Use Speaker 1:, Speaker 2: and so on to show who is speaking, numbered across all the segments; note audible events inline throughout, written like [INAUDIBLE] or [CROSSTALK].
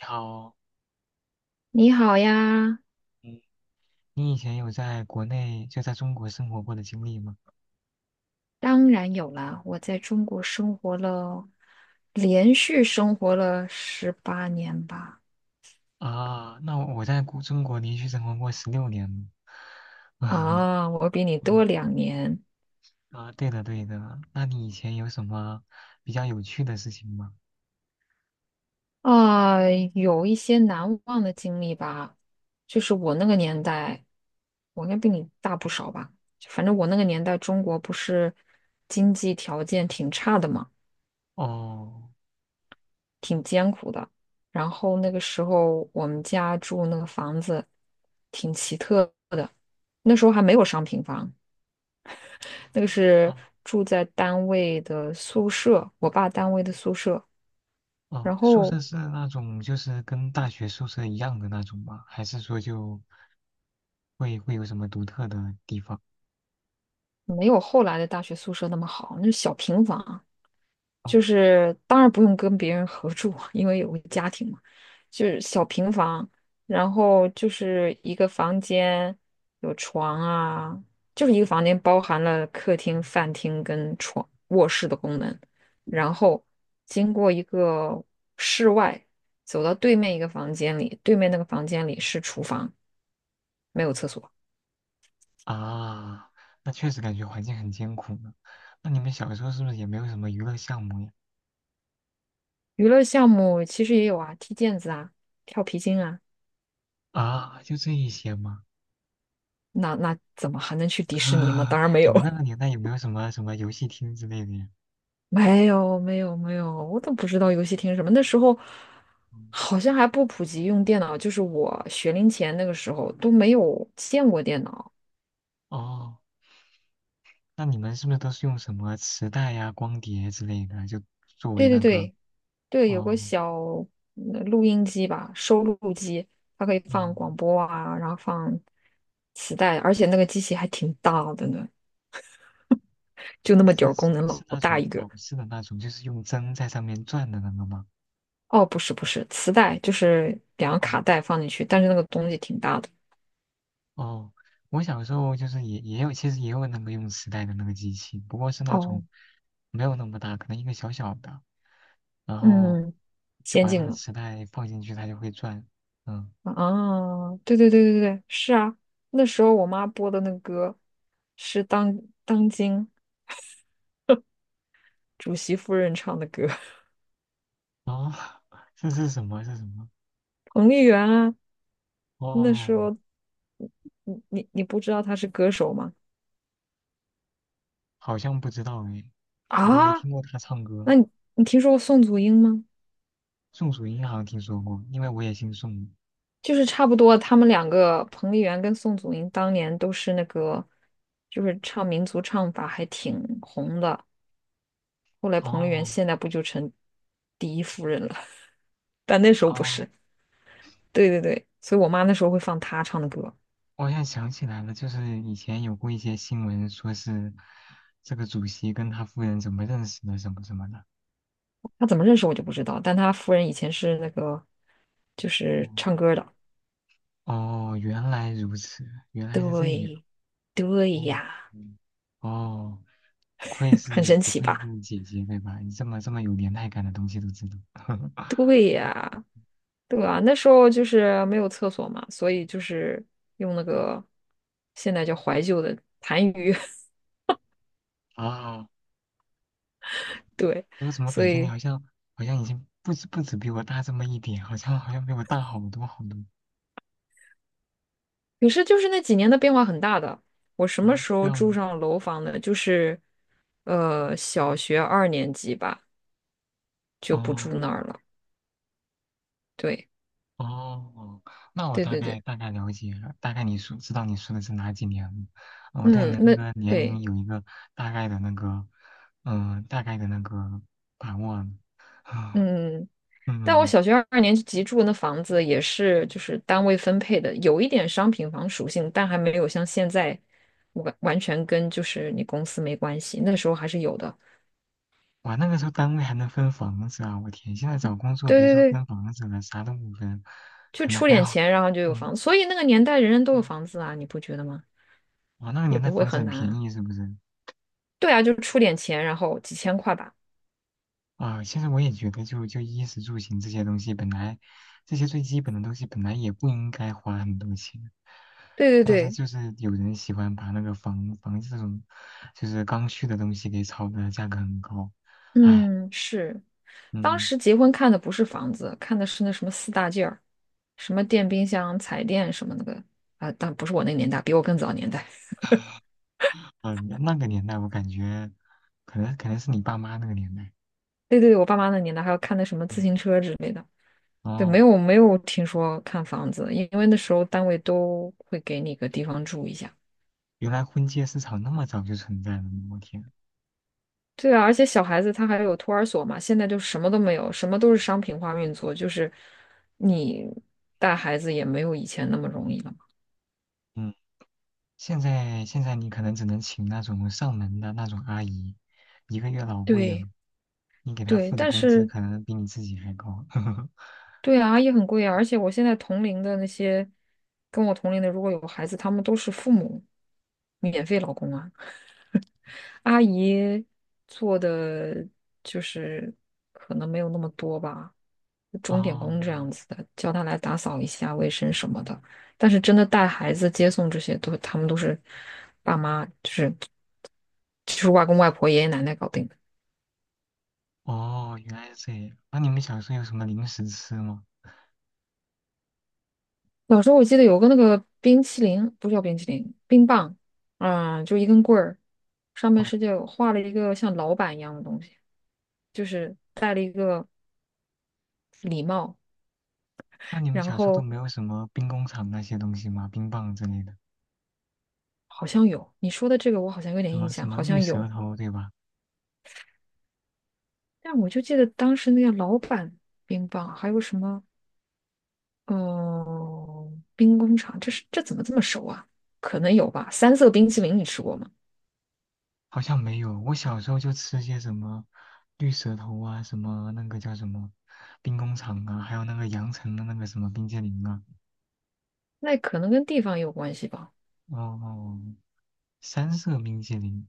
Speaker 1: 好，
Speaker 2: 你好呀，
Speaker 1: 嗯，你以前有在国内就在中国生活过的经历吗？
Speaker 2: 当然有啦，我在中国生活了，连续生活了18年吧。
Speaker 1: 啊，那我在中国连续生活过16年了。
Speaker 2: 啊，我比你
Speaker 1: [LAUGHS]
Speaker 2: 多
Speaker 1: 嗯，
Speaker 2: 2年
Speaker 1: 啊，对的对的，那你以前有什么比较有趣的事情吗？
Speaker 2: 啊，有一些难忘的经历吧。就是我那个年代，我应该比你大不少吧。反正我那个年代，中国不是经济条件挺差的嘛。
Speaker 1: 哦，
Speaker 2: 挺艰苦的。然后那个时候我们家住那个房子挺奇特的，那时候还没有商品房，那个是
Speaker 1: 哦，
Speaker 2: 住在单位的宿舍，我爸单位的宿舍，
Speaker 1: 哦，
Speaker 2: 然
Speaker 1: 宿
Speaker 2: 后
Speaker 1: 舍是那种就是跟大学宿舍一样的那种吗？还是说就会有什么独特的地方？
Speaker 2: 没有后来的大学宿舍那么好，那是小平房，就
Speaker 1: 哦，
Speaker 2: 是当然不用跟别人合住，[LAUGHS] 因为有个家庭嘛，就是小平房，然后就是一个房间有床啊，就是一个房间包含了客厅、饭厅跟床卧室的功能，然后经过一个室外，走到对面一个房间里，对面那个房间里是厨房，没有厕所。
Speaker 1: 啊，那确实感觉环境很艰苦呢。那你们小时候是不是也没有什么娱乐项目呀？
Speaker 2: 娱乐项目其实也有啊，踢毽子啊，跳皮筋啊，
Speaker 1: 啊，就这一些吗？
Speaker 2: 那那怎么还能去
Speaker 1: [LAUGHS]
Speaker 2: 迪士尼吗？
Speaker 1: 啊，
Speaker 2: 当然没
Speaker 1: 你
Speaker 2: 有。
Speaker 1: 们那个年代有没有什么什么游戏厅之类的呀？
Speaker 2: 没有没有没有，我都不知道游戏厅是什么。那时候
Speaker 1: 嗯
Speaker 2: 好像还不普及用电脑，就是我学龄前那个时候都没有见过电脑。
Speaker 1: 哦，那你们是不是都是用什么磁带呀、光碟之类的，就作为
Speaker 2: 对对
Speaker 1: 那个，
Speaker 2: 对对，有个
Speaker 1: 哦，
Speaker 2: 小录音机吧，收录机，它可以放
Speaker 1: 嗯，
Speaker 2: 广播啊，然后放磁带，而且那个机器还挺大的呢，就那么点
Speaker 1: 是
Speaker 2: 儿功
Speaker 1: 是
Speaker 2: 能，老
Speaker 1: 是那
Speaker 2: 大
Speaker 1: 种
Speaker 2: 一个。
Speaker 1: 老式的那种，就是用针在上面转的那个吗？
Speaker 2: 哦，不是不是，磁带就是两个
Speaker 1: 哦
Speaker 2: 卡带放进去，但是那个东西挺大的。
Speaker 1: 哦，我小时候就是也有，其实也有那个用磁带的那个机器，不过是那
Speaker 2: 哦，
Speaker 1: 种没有那么大，可能一个小小的，然后
Speaker 2: 嗯，
Speaker 1: 就
Speaker 2: 先
Speaker 1: 把那
Speaker 2: 进
Speaker 1: 个
Speaker 2: 了。
Speaker 1: 磁带放进去，它就会转。嗯。
Speaker 2: 啊，对对对对对，是啊，那时候我妈播的那个歌是当今主席夫人唱的歌，[LAUGHS]
Speaker 1: 啊，这是什么？这是什么？
Speaker 2: 彭丽媛啊，那时
Speaker 1: 哦，
Speaker 2: 候你不知道她是歌手吗？
Speaker 1: 好像不知道哎，我都没
Speaker 2: 啊，
Speaker 1: 听过他唱歌。
Speaker 2: 那你听说过宋祖英吗？
Speaker 1: 宋祖英好像听说过，因为我也姓宋。
Speaker 2: 就是差不多，他们两个彭丽媛跟宋祖英当年都是那个，就是唱民族唱法还挺红的。后来彭丽媛
Speaker 1: 哦
Speaker 2: 现在不就成第一夫人了？[LAUGHS] 但那时候不
Speaker 1: 哦，
Speaker 2: 是。对对对，所以我妈那时候会放她唱的歌，
Speaker 1: 我好像想起来了，就是以前有过一些新闻，说是这个主席跟他夫人怎么认识的，什么什么的。
Speaker 2: 她怎么认识我就不知道，但她夫人以前是那个就
Speaker 1: 哦
Speaker 2: 是唱歌的，
Speaker 1: 哦，原来如此，原来是这样。
Speaker 2: 对对
Speaker 1: 哦，
Speaker 2: 呀，
Speaker 1: 嗯哦，不愧
Speaker 2: [LAUGHS] 很
Speaker 1: 是
Speaker 2: 神
Speaker 1: 不
Speaker 2: 奇
Speaker 1: 愧
Speaker 2: 吧？
Speaker 1: 是姐姐，对吧？你这么有年代感的东西都知道。[LAUGHS]
Speaker 2: 对啊，那时候就是没有厕所嘛，所以就是用那个现在叫怀旧的痰盂，
Speaker 1: 啊。
Speaker 2: [LAUGHS] 对，
Speaker 1: 我怎么
Speaker 2: 所
Speaker 1: 感觉你
Speaker 2: 以
Speaker 1: 好像已经不止比我大这么一点，好像比我大好多好多
Speaker 2: 可是就是那几年的变化很大的。我什么
Speaker 1: 啊？
Speaker 2: 时
Speaker 1: 这
Speaker 2: 候
Speaker 1: 样
Speaker 2: 住
Speaker 1: 吗？
Speaker 2: 上楼房的？就是小学二年级吧，就不住
Speaker 1: 哦
Speaker 2: 那儿了。对
Speaker 1: 哦，那我
Speaker 2: 对
Speaker 1: 大
Speaker 2: 对对。
Speaker 1: 概大概了解了，大概你说知道你说的是哪几年了。我对你
Speaker 2: 嗯，
Speaker 1: 的那
Speaker 2: 那
Speaker 1: 个年龄
Speaker 2: 对，
Speaker 1: 有一个大概的那个，嗯、大概的那个把握了。啊，
Speaker 2: 嗯，但
Speaker 1: 嗯，
Speaker 2: 我
Speaker 1: 嗯
Speaker 2: 小学二年级住的那房子也是就是单位分配的，有一点商品房属性，但还没有像现在完全跟就是你公司没关系，那时候还是有的。
Speaker 1: 哇，那个时候单位还能分房子啊！我天，现在找工作
Speaker 2: 对
Speaker 1: 别说
Speaker 2: 对对，
Speaker 1: 分房子了，啥都不分，
Speaker 2: 就
Speaker 1: 可能
Speaker 2: 出
Speaker 1: 还
Speaker 2: 点
Speaker 1: 好。
Speaker 2: 钱，然后就有
Speaker 1: 嗯，
Speaker 2: 房子，所以那个年代人人都有房子啊，你不觉得吗？
Speaker 1: 哇，那个
Speaker 2: 也
Speaker 1: 年代
Speaker 2: 不会
Speaker 1: 房子
Speaker 2: 很
Speaker 1: 很
Speaker 2: 难
Speaker 1: 便
Speaker 2: 啊。
Speaker 1: 宜，是不是？
Speaker 2: 对啊，就是出点钱，然后几千块吧。
Speaker 1: 啊，现在我也觉得就，就衣食住行这些东西，本来这些最基本的东西，本来也不应该花很多钱，
Speaker 2: 对对
Speaker 1: 但是
Speaker 2: 对，
Speaker 1: 就是有人喜欢把那个房这种就是刚需的东西给炒的价格很高，唉，
Speaker 2: 嗯，是。当
Speaker 1: 嗯，
Speaker 2: 时结婚看的不是房子，看的是那什么四大件儿，什么电冰箱、彩电什么那个啊，但不是我那个年代，比我更早年代。
Speaker 1: [LAUGHS] 那个年代我感觉，可能是你爸妈那个年代，
Speaker 2: [LAUGHS] 对对对，我爸妈那年代还要看的什么自
Speaker 1: 嗯，
Speaker 2: 行车之类的。对，没
Speaker 1: 哦，
Speaker 2: 有没有听说看房子，因为那时候单位都会给你个地方住一下。
Speaker 1: 原来婚介市场那么早就存在了呢我天，
Speaker 2: 对啊，而且小孩子他还有托儿所嘛，现在就什么都没有，什么都是商品化运作，就是你带孩子也没有以前那么容易了嘛。
Speaker 1: 嗯。现在你可能只能请那种上门的那种阿姨，一个月老贵了，
Speaker 2: 对
Speaker 1: 你给她
Speaker 2: 对，
Speaker 1: 付的
Speaker 2: 但
Speaker 1: 工资
Speaker 2: 是
Speaker 1: 可能比你自己还高。[LAUGHS]
Speaker 2: 对啊，阿姨很贵啊，而且我现在同龄的那些跟我同龄的，如果有孩子，他们都是父母免费老公啊。阿姨做的就是可能没有那么多吧，钟点
Speaker 1: 哦
Speaker 2: 工这样子的，叫他来打扫一下卫生什么的。但是真的带孩子、接送这些都，他们都是爸妈，就是就是外公外婆、爷爷奶奶搞定。
Speaker 1: 哦，原来是这样。那你们小时候有什么零食吃吗？
Speaker 2: 小时候我记得有个那个冰淇淋，不是叫冰淇淋，冰棒，啊、就一根棍儿，上面
Speaker 1: 哦，
Speaker 2: 是就画了一个像老板一样的东西，就是戴了一个礼帽，
Speaker 1: 那你们
Speaker 2: 然
Speaker 1: 小时候都
Speaker 2: 后
Speaker 1: 没有什么兵工厂那些东西吗？冰棒之类的，
Speaker 2: 好像有你说的这个，我好像有
Speaker 1: 什
Speaker 2: 点印
Speaker 1: 么什
Speaker 2: 象，
Speaker 1: 么
Speaker 2: 好
Speaker 1: 绿
Speaker 2: 像
Speaker 1: 舌
Speaker 2: 有，
Speaker 1: 头，对吧？
Speaker 2: 但我就记得当时那个老板冰棒，还有什么，嗯、冰工厂，这是这怎么这么熟啊？可能有吧，三色冰淇淋你吃过吗？
Speaker 1: 好像没有，我小时候就吃些什么绿舌头啊，什么那个叫什么兵工厂啊，还有那个羊城的那个什么冰激凌啊。
Speaker 2: 那可能跟地方也有关系吧。
Speaker 1: 哦，三色冰淇淋，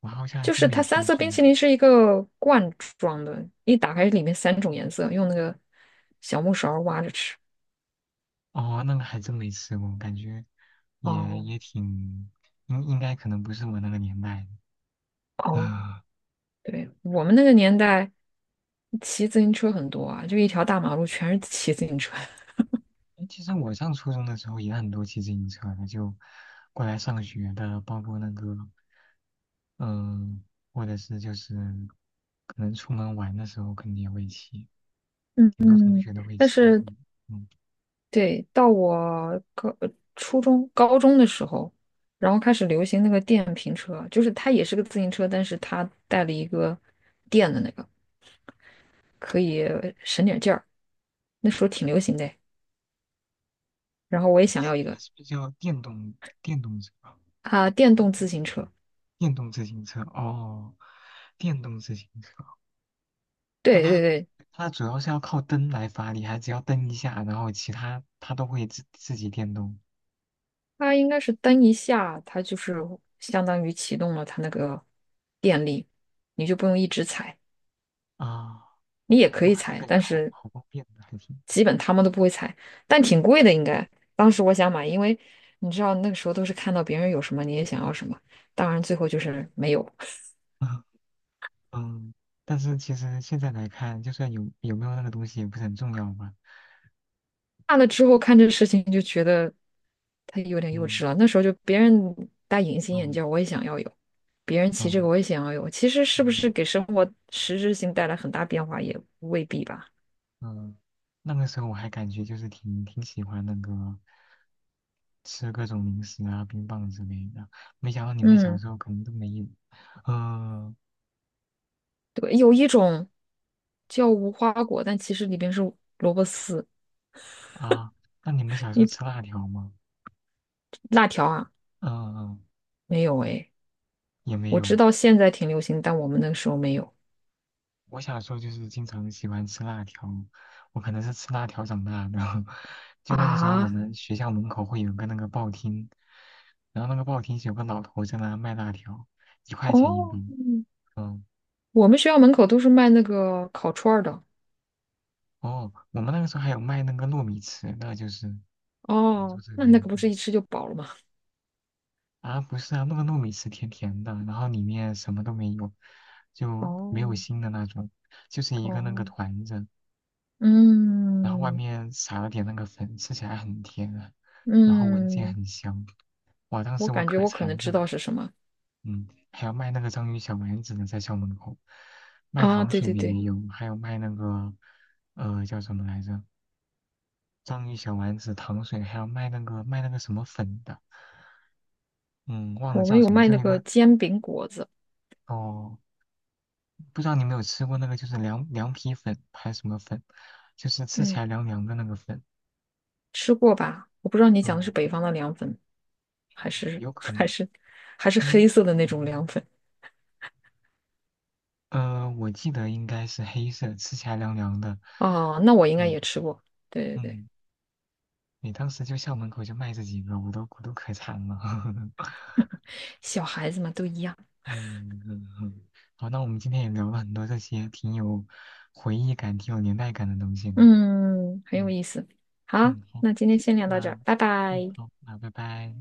Speaker 1: 我好像还
Speaker 2: 就
Speaker 1: 真
Speaker 2: 是
Speaker 1: 没
Speaker 2: 它三
Speaker 1: 听
Speaker 2: 色
Speaker 1: 说
Speaker 2: 冰
Speaker 1: 过。
Speaker 2: 淇淋是一个罐装的，一打开里面三种颜色，用那个小木勺挖着吃。
Speaker 1: 哦，那个还真没吃过，感觉也
Speaker 2: 哦
Speaker 1: 也挺，应该可能不是我那个年代的。[LAUGHS]
Speaker 2: 哦，
Speaker 1: 啊、
Speaker 2: 对，我们那个年代骑自行车很多啊，就一条大马路全是骑自行车。[LAUGHS]
Speaker 1: 诶其实我上初中的时候也很多骑自行车的，就过来上学的，包括那个，嗯、或者是就是可能出门玩的时候肯定也会骑，
Speaker 2: 嗯
Speaker 1: 很多同
Speaker 2: 嗯，
Speaker 1: 学都会
Speaker 2: 但
Speaker 1: 骑。
Speaker 2: 是
Speaker 1: 嗯，嗯
Speaker 2: 对，到我初中、高中的时候，然后开始流行那个电瓶车，就是它也是个自行车，但是它带了一个电的那个，可以省点劲儿。那时候挺流行的。然后我也想要一
Speaker 1: 那
Speaker 2: 个
Speaker 1: 是不是叫电动车啊？
Speaker 2: 啊，电动自行车。
Speaker 1: 电动自行车哦，电动自行车，那
Speaker 2: 对对
Speaker 1: 它
Speaker 2: 对，
Speaker 1: 主要是要靠蹬来发力，还只要蹬一下，然后其他它都会自己电动
Speaker 2: 它应该是蹬一下，它就是相当于启动了它那个电力，你就不用一直踩，
Speaker 1: 啊，
Speaker 2: 你也可以
Speaker 1: 哇，那
Speaker 2: 踩，
Speaker 1: 感觉
Speaker 2: 但
Speaker 1: 好
Speaker 2: 是
Speaker 1: 好方便的，还是，
Speaker 2: 基本他们都不会踩，但挺贵的应该。当时我想买，因为你知道那个时候都是看到别人有什么你也想要什么，当然最后就是没有。
Speaker 1: 嗯嗯，但是其实现在来看，就算有没有那个东西也不是很重要吧，
Speaker 2: 大了之后看这事情就觉得他有点幼稚
Speaker 1: 嗯
Speaker 2: 了。那时候就别人戴隐形眼
Speaker 1: 嗯
Speaker 2: 镜儿我也想要有；别人骑这个，
Speaker 1: 嗯
Speaker 2: 我也想要有。其实是不
Speaker 1: 嗯，
Speaker 2: 是给生活实质性带来很大变化，也未必吧。
Speaker 1: 嗯，那个时候我还感觉就是挺喜欢那个吃各种零食啊、冰棒之类的。没想到你们小
Speaker 2: 嗯，
Speaker 1: 时候可能都没有。嗯、
Speaker 2: 对，有一种叫无花果，但其实里边是萝卜丝。
Speaker 1: 啊，那你们小时候吃
Speaker 2: 你
Speaker 1: 辣条吗？
Speaker 2: 辣条啊？
Speaker 1: 嗯、嗯，
Speaker 2: 没有哎，
Speaker 1: 也没
Speaker 2: 我知
Speaker 1: 有。
Speaker 2: 道现在挺流行，但我们那个时候没有
Speaker 1: 我小时候就是经常喜欢吃辣条，我可能是吃辣条长大的。[LAUGHS] 就那个时候，我
Speaker 2: 啊。
Speaker 1: 们学校门口会有个那个报厅，然后那个报厅是有个老头在那卖辣条，1块钱一
Speaker 2: 哦，
Speaker 1: 包。嗯。
Speaker 2: 我们学校门口都是卖那个烤串儿的。
Speaker 1: 哦，我们那个时候还有卖那个糯米糍的，就是广州
Speaker 2: 哦，
Speaker 1: 这
Speaker 2: 那那
Speaker 1: 边
Speaker 2: 个不是一吃就饱了吗？
Speaker 1: 啊，不是啊，那个糯米糍甜甜的，然后里面什么都没有，就没有
Speaker 2: 哦
Speaker 1: 心的那种，就是一个那个
Speaker 2: 哦，
Speaker 1: 团子，然后外
Speaker 2: 嗯
Speaker 1: 面撒了点那个粉，吃起来很甜啊，然后闻起来
Speaker 2: 嗯，
Speaker 1: 很香。哇，当
Speaker 2: 我
Speaker 1: 时我
Speaker 2: 感觉
Speaker 1: 可
Speaker 2: 我可能
Speaker 1: 馋这
Speaker 2: 知
Speaker 1: 个，
Speaker 2: 道是什么
Speaker 1: 嗯，还有卖那个章鱼小丸子的，在校门口，卖
Speaker 2: 啊，
Speaker 1: 糖
Speaker 2: 对
Speaker 1: 水
Speaker 2: 对
Speaker 1: 的
Speaker 2: 对，
Speaker 1: 也有，还有卖那个叫什么来着？章鱼小丸子、糖水，还有卖那个什么粉的，嗯，忘了
Speaker 2: 我们
Speaker 1: 叫
Speaker 2: 有
Speaker 1: 什么，
Speaker 2: 卖
Speaker 1: 就
Speaker 2: 那
Speaker 1: 一
Speaker 2: 个
Speaker 1: 个
Speaker 2: 煎饼果子，
Speaker 1: 哦，不知道你有没有吃过那个，就是凉皮粉还是什么粉，就是吃起
Speaker 2: 嗯，
Speaker 1: 来凉凉的那个粉。
Speaker 2: 吃过吧？我不知道你讲的是
Speaker 1: 哦，
Speaker 2: 北方的凉粉，还是
Speaker 1: 有
Speaker 2: [LAUGHS]
Speaker 1: 可
Speaker 2: 还
Speaker 1: 能，
Speaker 2: 是还是
Speaker 1: 因为
Speaker 2: 黑色的那种凉粉
Speaker 1: 我记得应该是黑色，吃起来凉凉的。
Speaker 2: 哦，那我应该
Speaker 1: 对，
Speaker 2: 也吃过，对对对，
Speaker 1: 嗯，你当时就校门口就卖这几个，我都可馋了。[LAUGHS]
Speaker 2: 小孩子嘛都一样，
Speaker 1: 嗯嗯嗯，[LAUGHS] 好，那我们今天也聊了很多这些挺有回忆感、挺有年代感的东西呢
Speaker 2: 嗯，很有
Speaker 1: 嗯。
Speaker 2: 意思。好，
Speaker 1: 嗯，好，
Speaker 2: 那今天先聊到这
Speaker 1: 那
Speaker 2: 儿，拜
Speaker 1: 嗯
Speaker 2: 拜。
Speaker 1: 好，那拜拜。